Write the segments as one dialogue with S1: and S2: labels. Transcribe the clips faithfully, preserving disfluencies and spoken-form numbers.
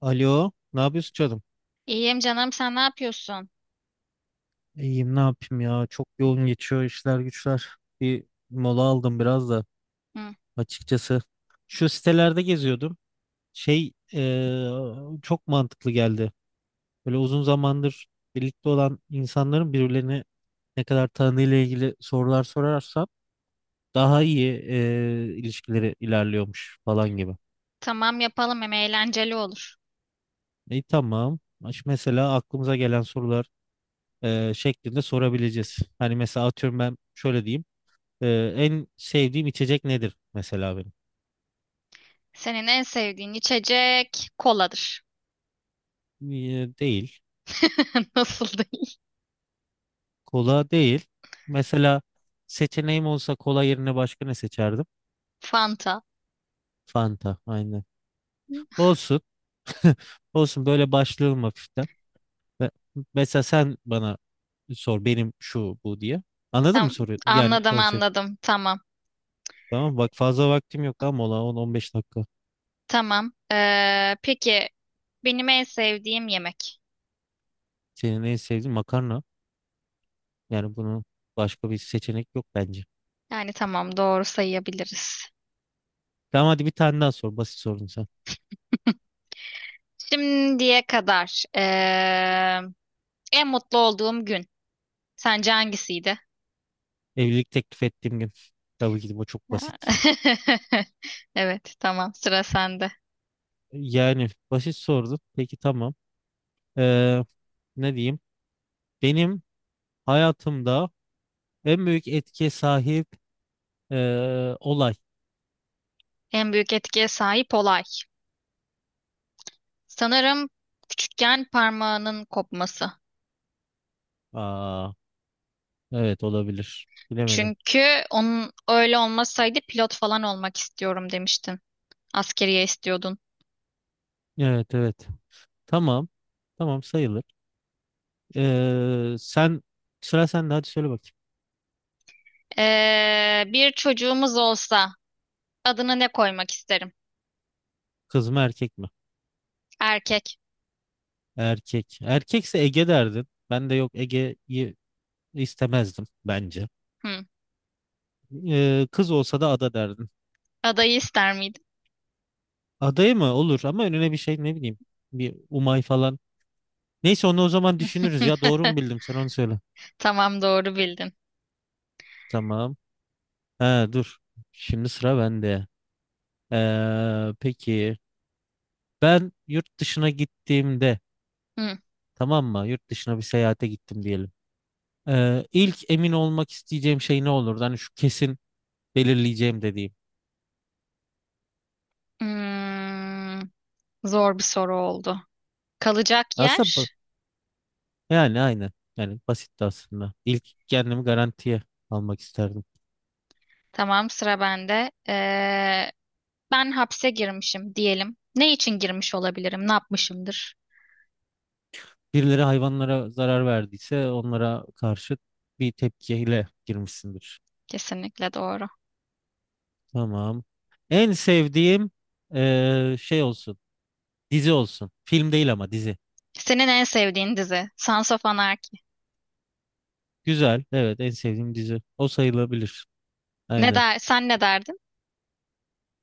S1: Alo, ne yapıyorsun canım?
S2: İyiyim canım, sen ne yapıyorsun?
S1: İyiyim, ne yapayım ya? Çok yoğun geçiyor işler güçler. Bir mola aldım biraz da
S2: Hı,
S1: açıkçası. Şu sitelerde geziyordum. Şey eee, çok mantıklı geldi. Böyle uzun zamandır birlikte olan insanların birbirlerini ne kadar tanıdığıyla ilgili sorular sorarsam daha iyi eee, ilişkileri ilerliyormuş falan gibi.
S2: tamam yapalım, hem eğlenceli olur.
S1: İyi tamam. Aş- Mesela aklımıza gelen sorular eee, şeklinde sorabileceğiz. Hani mesela atıyorum ben şöyle diyeyim. Ee, en sevdiğim içecek nedir mesela benim?
S2: Senin en sevdiğin içecek koladır.
S1: Ee, değil.
S2: Nasıl değil?
S1: Kola değil. Mesela seçeneğim olsa kola yerine başka ne seçerdim?
S2: Fanta.
S1: Fanta. Aynen. Olsun. Olsun böyle başlayalım hafiften. Ve- Mesela sen bana sor benim şu bu diye. Anladın mı
S2: Tamam
S1: soruyu? Yani
S2: anladım
S1: konsept.
S2: anladım tamam.
S1: Tamam bak fazla vaktim yok ama mola on on beş dakika.
S2: Tamam. Ee, peki benim en sevdiğim yemek.
S1: Senin en sevdiğin makarna. Yani bunun başka bir seçenek yok bence.
S2: Yani tamam, doğru sayabiliriz.
S1: Tamam hadi bir tane daha sor. Basit sorun sen.
S2: Şimdiye kadar ee, en mutlu olduğum gün. Sence hangisiydi?
S1: Evlilik teklif ettiğim gün. Tabii ki de bu çok basit.
S2: Evet, tamam, sıra sende.
S1: Yani basit sordu. Peki tamam. Ee, ne diyeyim? Benim hayatımda en büyük etkiye sahip ee, olay.
S2: En büyük etkiye sahip olay. Sanırım küçükken parmağının kopması.
S1: Aa, evet olabilir. Bilemedim.
S2: Çünkü onun öyle olmasaydı pilot falan olmak istiyorum demiştin. Askeriye istiyordun.
S1: Evet, evet. Tamam. Tamam sayılır. Ee, sen Sıra sende, hadi söyle bakayım.
S2: Ee, bir çocuğumuz olsa adını ne koymak isterim?
S1: Kız mı erkek mi?
S2: Erkek.
S1: Erkek. Erkekse Ege derdin. Ben de yok, Ege'yi istemezdim bence.
S2: Hı.
S1: Ee, kız olsa da ada derdin.
S2: Adayı ister miydin?
S1: Adaya mı? Olur ama önüne bir şey, ne bileyim. Bir Umay falan. Neyse onu o zaman düşünürüz ya. Doğru mu bildim? Sen onu söyle.
S2: Tamam, doğru bildin.
S1: Tamam. He dur. Şimdi sıra bende. Ee, peki ben yurt dışına gittiğimde,
S2: Hı.
S1: tamam mı? Yurt dışına bir seyahate gittim diyelim. Ee, ilk emin olmak isteyeceğim şey ne olurdu? Hani şu kesin belirleyeceğim dediğim.
S2: Hmm, zor bir soru oldu. Kalacak
S1: Aslında ba-
S2: yer.
S1: Yani aynı. Yani basit de aslında. İlk kendimi garantiye almak isterdim.
S2: Tamam, sıra bende. Ee, ben hapse girmişim diyelim. Ne için girmiş olabilirim? Ne yapmışımdır?
S1: Birileri hayvanlara zarar verdiyse onlara karşı bir tepkiyle girmişsindir.
S2: Kesinlikle doğru.
S1: Tamam. En sevdiğim eee, şey olsun. Dizi olsun. Film değil ama dizi.
S2: Senin en sevdiğin dizi Sons of Anarchy.
S1: Güzel. Evet, en sevdiğim dizi. O sayılabilir.
S2: Ne
S1: Aynen.
S2: der, sen ne derdin?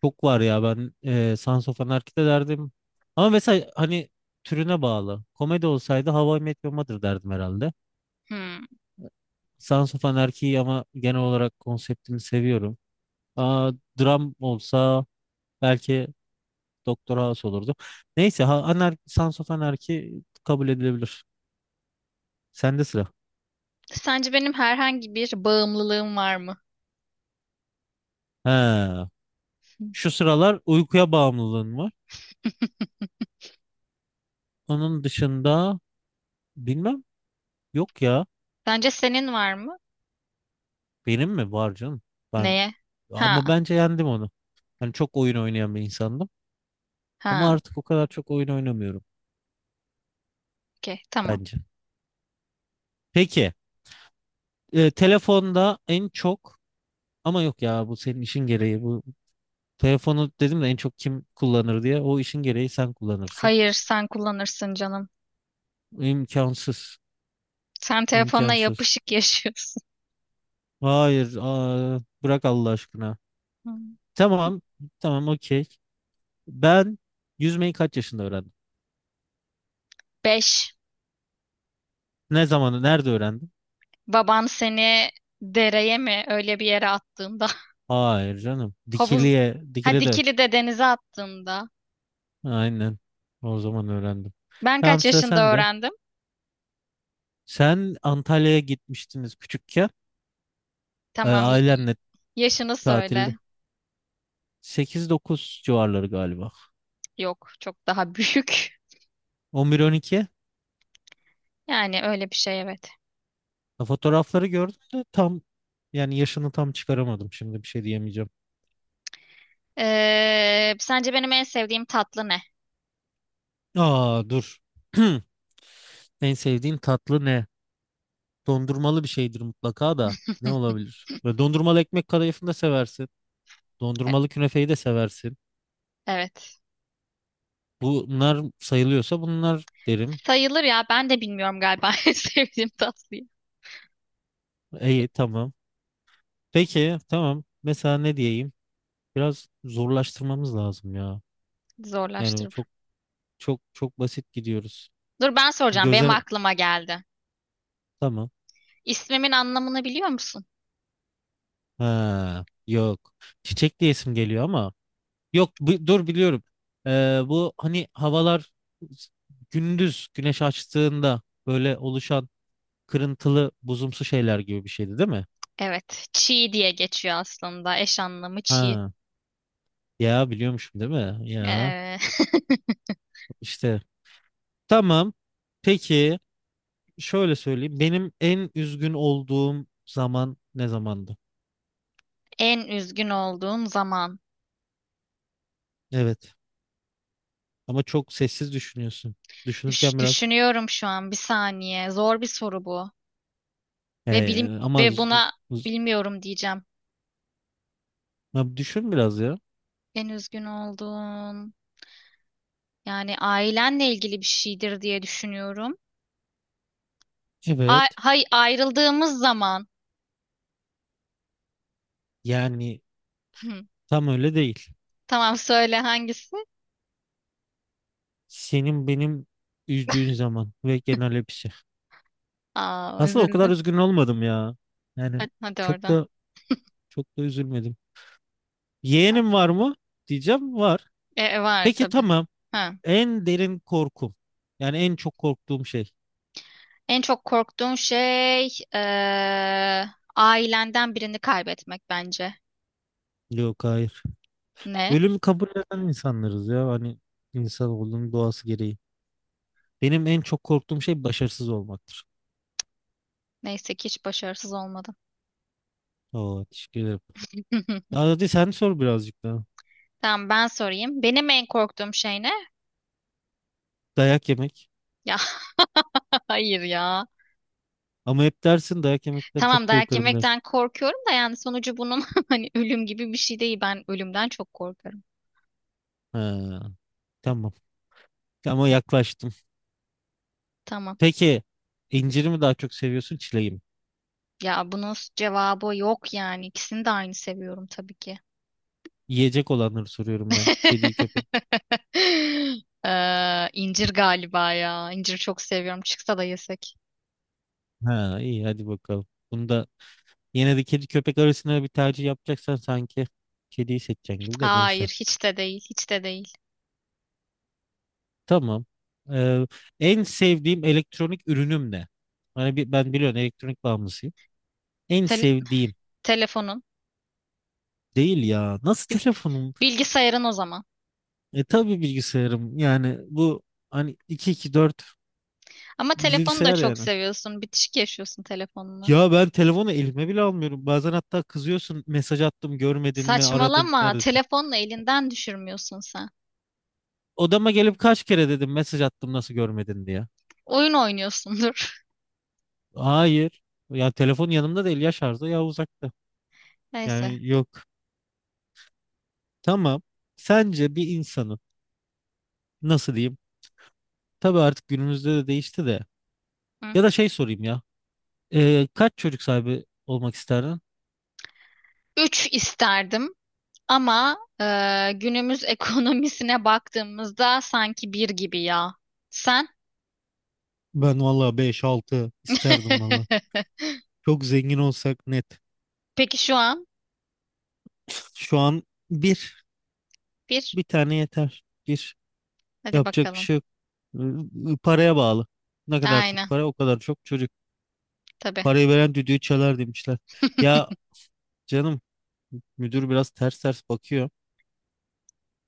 S1: Çok var ya, ben eee Sons of Anarchy'de derdim. Ama mesela hani türüne bağlı. Komedi olsaydı How I Met Your Mother derdim herhalde.
S2: Hmm.
S1: Sons of Anarchy'yi ama genel olarak konseptini seviyorum. Aa, dram olsa belki Doktor House olurdu. Neyse ha, anar Sons of Anarchy kabul edilebilir. Sende sıra.
S2: Sence benim herhangi bir bağımlılığım var mı?
S1: He. Şu sıralar uykuya bağımlılığın var. Onun dışında bilmem, yok ya.
S2: Sence senin var mı?
S1: Benim mi var canım? Ben
S2: Neye?
S1: ama
S2: Ha,
S1: bence yendim onu. Hani çok oyun oynayan bir insandım. Ama
S2: ha.
S1: artık o kadar çok oyun oynamıyorum
S2: Okey, tamam.
S1: bence. Peki, e, telefonda en çok, ama yok ya, bu senin işin gereği. Bu telefonu dedim de en çok kim kullanır diye. O işin gereği sen kullanırsın.
S2: Hayır, sen kullanırsın canım.
S1: İmkansız.
S2: Sen telefonla
S1: İmkansız.
S2: yapışık yaşıyorsun.
S1: Hayır, aa, bırak Allah aşkına.
S2: Hmm.
S1: Tamam, tamam, okey. Ben yüzmeyi kaç yaşında öğrendim?
S2: Beş.
S1: Ne zamanı, nerede öğrendim?
S2: Baban seni dereye mi öyle bir yere attığında.
S1: Hayır canım.
S2: Havuz,
S1: Dikili'ye,
S2: ha
S1: Dikili'de.
S2: dikili de denize attığında.
S1: Aynen. O zaman öğrendim.
S2: Ben
S1: Tamam
S2: kaç
S1: sıra
S2: yaşında
S1: sende.
S2: öğrendim?
S1: Sen Antalya'ya gitmiştiniz küçükken. e,
S2: Tamam, y- y-
S1: Ailenle
S2: yaşını
S1: tatilde.
S2: söyle.
S1: Sekiz dokuz civarları galiba.
S2: Yok, çok daha büyük.
S1: On bir on iki.
S2: Yani öyle bir şey, evet.
S1: Fotoğrafları gördüm de tam, yani yaşını tam çıkaramadım. Şimdi bir şey diyemeyeceğim.
S2: Ee, sence benim en sevdiğim tatlı ne?
S1: Aa dur. En sevdiğin tatlı ne? Dondurmalı bir şeydir mutlaka da. Ne olabilir? Ve dondurmalı ekmek kadayıfını da seversin.
S2: E-
S1: Dondurmalı künefeyi de seversin.
S2: Evet.
S1: Bunlar sayılıyorsa bunlar derim.
S2: Sayılır ya. Ben de bilmiyorum galiba en sevdiğim tatlıyı.
S1: İyi tamam. Peki tamam. Mesela ne diyeyim? Biraz zorlaştırmamız lazım ya. Yani
S2: Zorlaştırır.
S1: çok çok çok basit gidiyoruz.
S2: Dur, ben soracağım. Benim
S1: Göze
S2: aklıma geldi.
S1: tamam.
S2: İsmimin anlamını biliyor musun?
S1: Ha, yok. Çiçek diye isim geliyor ama. Yok bu- Dur biliyorum. Ee, bu hani havalar gündüz güneş açtığında böyle oluşan kırıntılı buzumsu şeyler gibi bir şeydi, değil mi?
S2: Evet. Çiğ diye geçiyor aslında. Eş anlamı çiğ.
S1: Ha, ya biliyormuşum değil mi? Ya
S2: Ee,
S1: işte tamam. Peki şöyle söyleyeyim. Benim en üzgün olduğum zaman ne zamandı?
S2: En üzgün olduğun zaman.
S1: Evet. Ama çok sessiz düşünüyorsun.
S2: Düş-
S1: Düşünürken biraz.
S2: düşünüyorum şu an, bir saniye. Zor bir soru bu. Ve bilim
S1: Ee, ama
S2: ve
S1: z-
S2: buna
S1: z-
S2: bilmiyorum diyeceğim.
S1: Ya düşün biraz ya.
S2: En üzgün olduğun, yani ailenle ilgili bir şeydir diye düşünüyorum.
S1: Evet.
S2: Ay, hay ayrıldığımız zaman.
S1: Yani
S2: Hı.
S1: tam öyle değil.
S2: Tamam, söyle hangisi?
S1: Senin benim üzdüğün zaman ve genel hepsi.
S2: Aa,
S1: Aslında o kadar
S2: üzüldüm.
S1: üzgün olmadım ya. Yani
S2: Hadi, hadi
S1: çok
S2: oradan.
S1: da çok da üzülmedim. Yeğenim var mı? Diyeceğim var.
S2: E, e, var
S1: Peki
S2: tabii.
S1: tamam.
S2: Ha.
S1: En derin korkum. Yani en çok korktuğum şey.
S2: En çok korktuğun şey eee, ailenden birini kaybetmek bence.
S1: Yok, hayır.
S2: Ne?
S1: Ölümü kabul eden insanlarız ya. Hani insan olduğunun doğası gereği. Benim en çok korktuğum şey başarısız olmaktır.
S2: Neyse ki hiç başarısız olmadım.
S1: Oo, teşekkür ederim. Daha hadi sen sor birazcık daha.
S2: Tamam, ben sorayım. Benim en korktuğum şey ne?
S1: Dayak yemek.
S2: Ya, hayır ya.
S1: Ama hep dersin dayak yemekten çok
S2: Tamam, dayak
S1: korkarım dersin.
S2: yemekten korkuyorum da yani sonucu bunun hani ölüm gibi bir şey değil. Ben ölümden çok korkarım.
S1: Ha, tamam. Ama yaklaştım.
S2: Tamam.
S1: Peki inciri mi daha çok seviyorsun, çileği mi?
S2: Ya bunun cevabı yok yani. İkisini de aynı seviyorum tabii ki.
S1: Yiyecek olanları soruyorum ben. Kediyi köpek.
S2: Ee, incir galiba ya. İncir çok seviyorum. Çıksa da yesek.
S1: Ha iyi, hadi bakalım. Bunda yine de kedi köpek arasında bir tercih yapacaksan sanki kediyi seçeceksin gibi, de neyse.
S2: Hayır, hiç de değil, hiç de değil.
S1: Tamam. Ee, en sevdiğim elektronik ürünüm ne? Hani bi- ben biliyorum elektronik bağımlısıyım. En
S2: Te-
S1: sevdiğim
S2: Telefonun.
S1: değil ya. Nasıl telefonum?
S2: Bilgisayarın o zaman.
S1: E tabii bilgisayarım. Yani bu hani iki iki-dört
S2: Ama telefonu da
S1: bilgisayar
S2: çok
S1: yani.
S2: seviyorsun. Bitişik yaşıyorsun telefonla.
S1: Ya ben telefonu elime bile almıyorum. Bazen hatta kızıyorsun, mesaj attım görmedin mi, aradım
S2: Saçmalama.
S1: neredesin?
S2: Telefonla elinden düşürmüyorsun sen.
S1: Odama gelip kaç kere dedim mesaj attım nasıl görmedin diye.
S2: Oyun oynuyorsundur.
S1: Hayır. Ya telefon yanımda değil, ya şarjda ya uzakta.
S2: Neyse.
S1: Yani yok. Tamam. Sence bir insanın nasıl diyeyim? Tabii artık günümüzde de değişti de.
S2: Hı.
S1: Ya da şey sorayım ya. Ee, kaç çocuk sahibi olmak isterdin?
S2: Üç isterdim ama e, günümüz ekonomisine baktığımızda sanki bir gibi ya. Sen?
S1: Ben valla beş altı isterdim valla. Çok zengin olsak net.
S2: Peki şu an
S1: Şu an bir.
S2: bir.
S1: Bir tane yeter. Bir.
S2: Hadi
S1: Yapacak bir
S2: bakalım.
S1: şey. Iı, Paraya bağlı. Ne kadar çok
S2: Aynen.
S1: para o kadar çok çocuk.
S2: Tabii.
S1: Parayı veren düdüğü çalar demişler. Ya canım, müdür biraz ters ters bakıyor.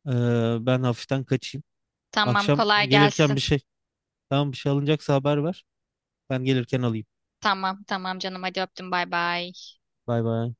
S1: Ee, ben hafiften kaçayım.
S2: Tamam,
S1: Akşam
S2: kolay
S1: gelirken
S2: gelsin.
S1: bir şey. Tamam bir şey alınacaksa haber ver. Ben gelirken alayım.
S2: Tamam, tamam canım, hadi öptüm, bay bay.
S1: Bay bay.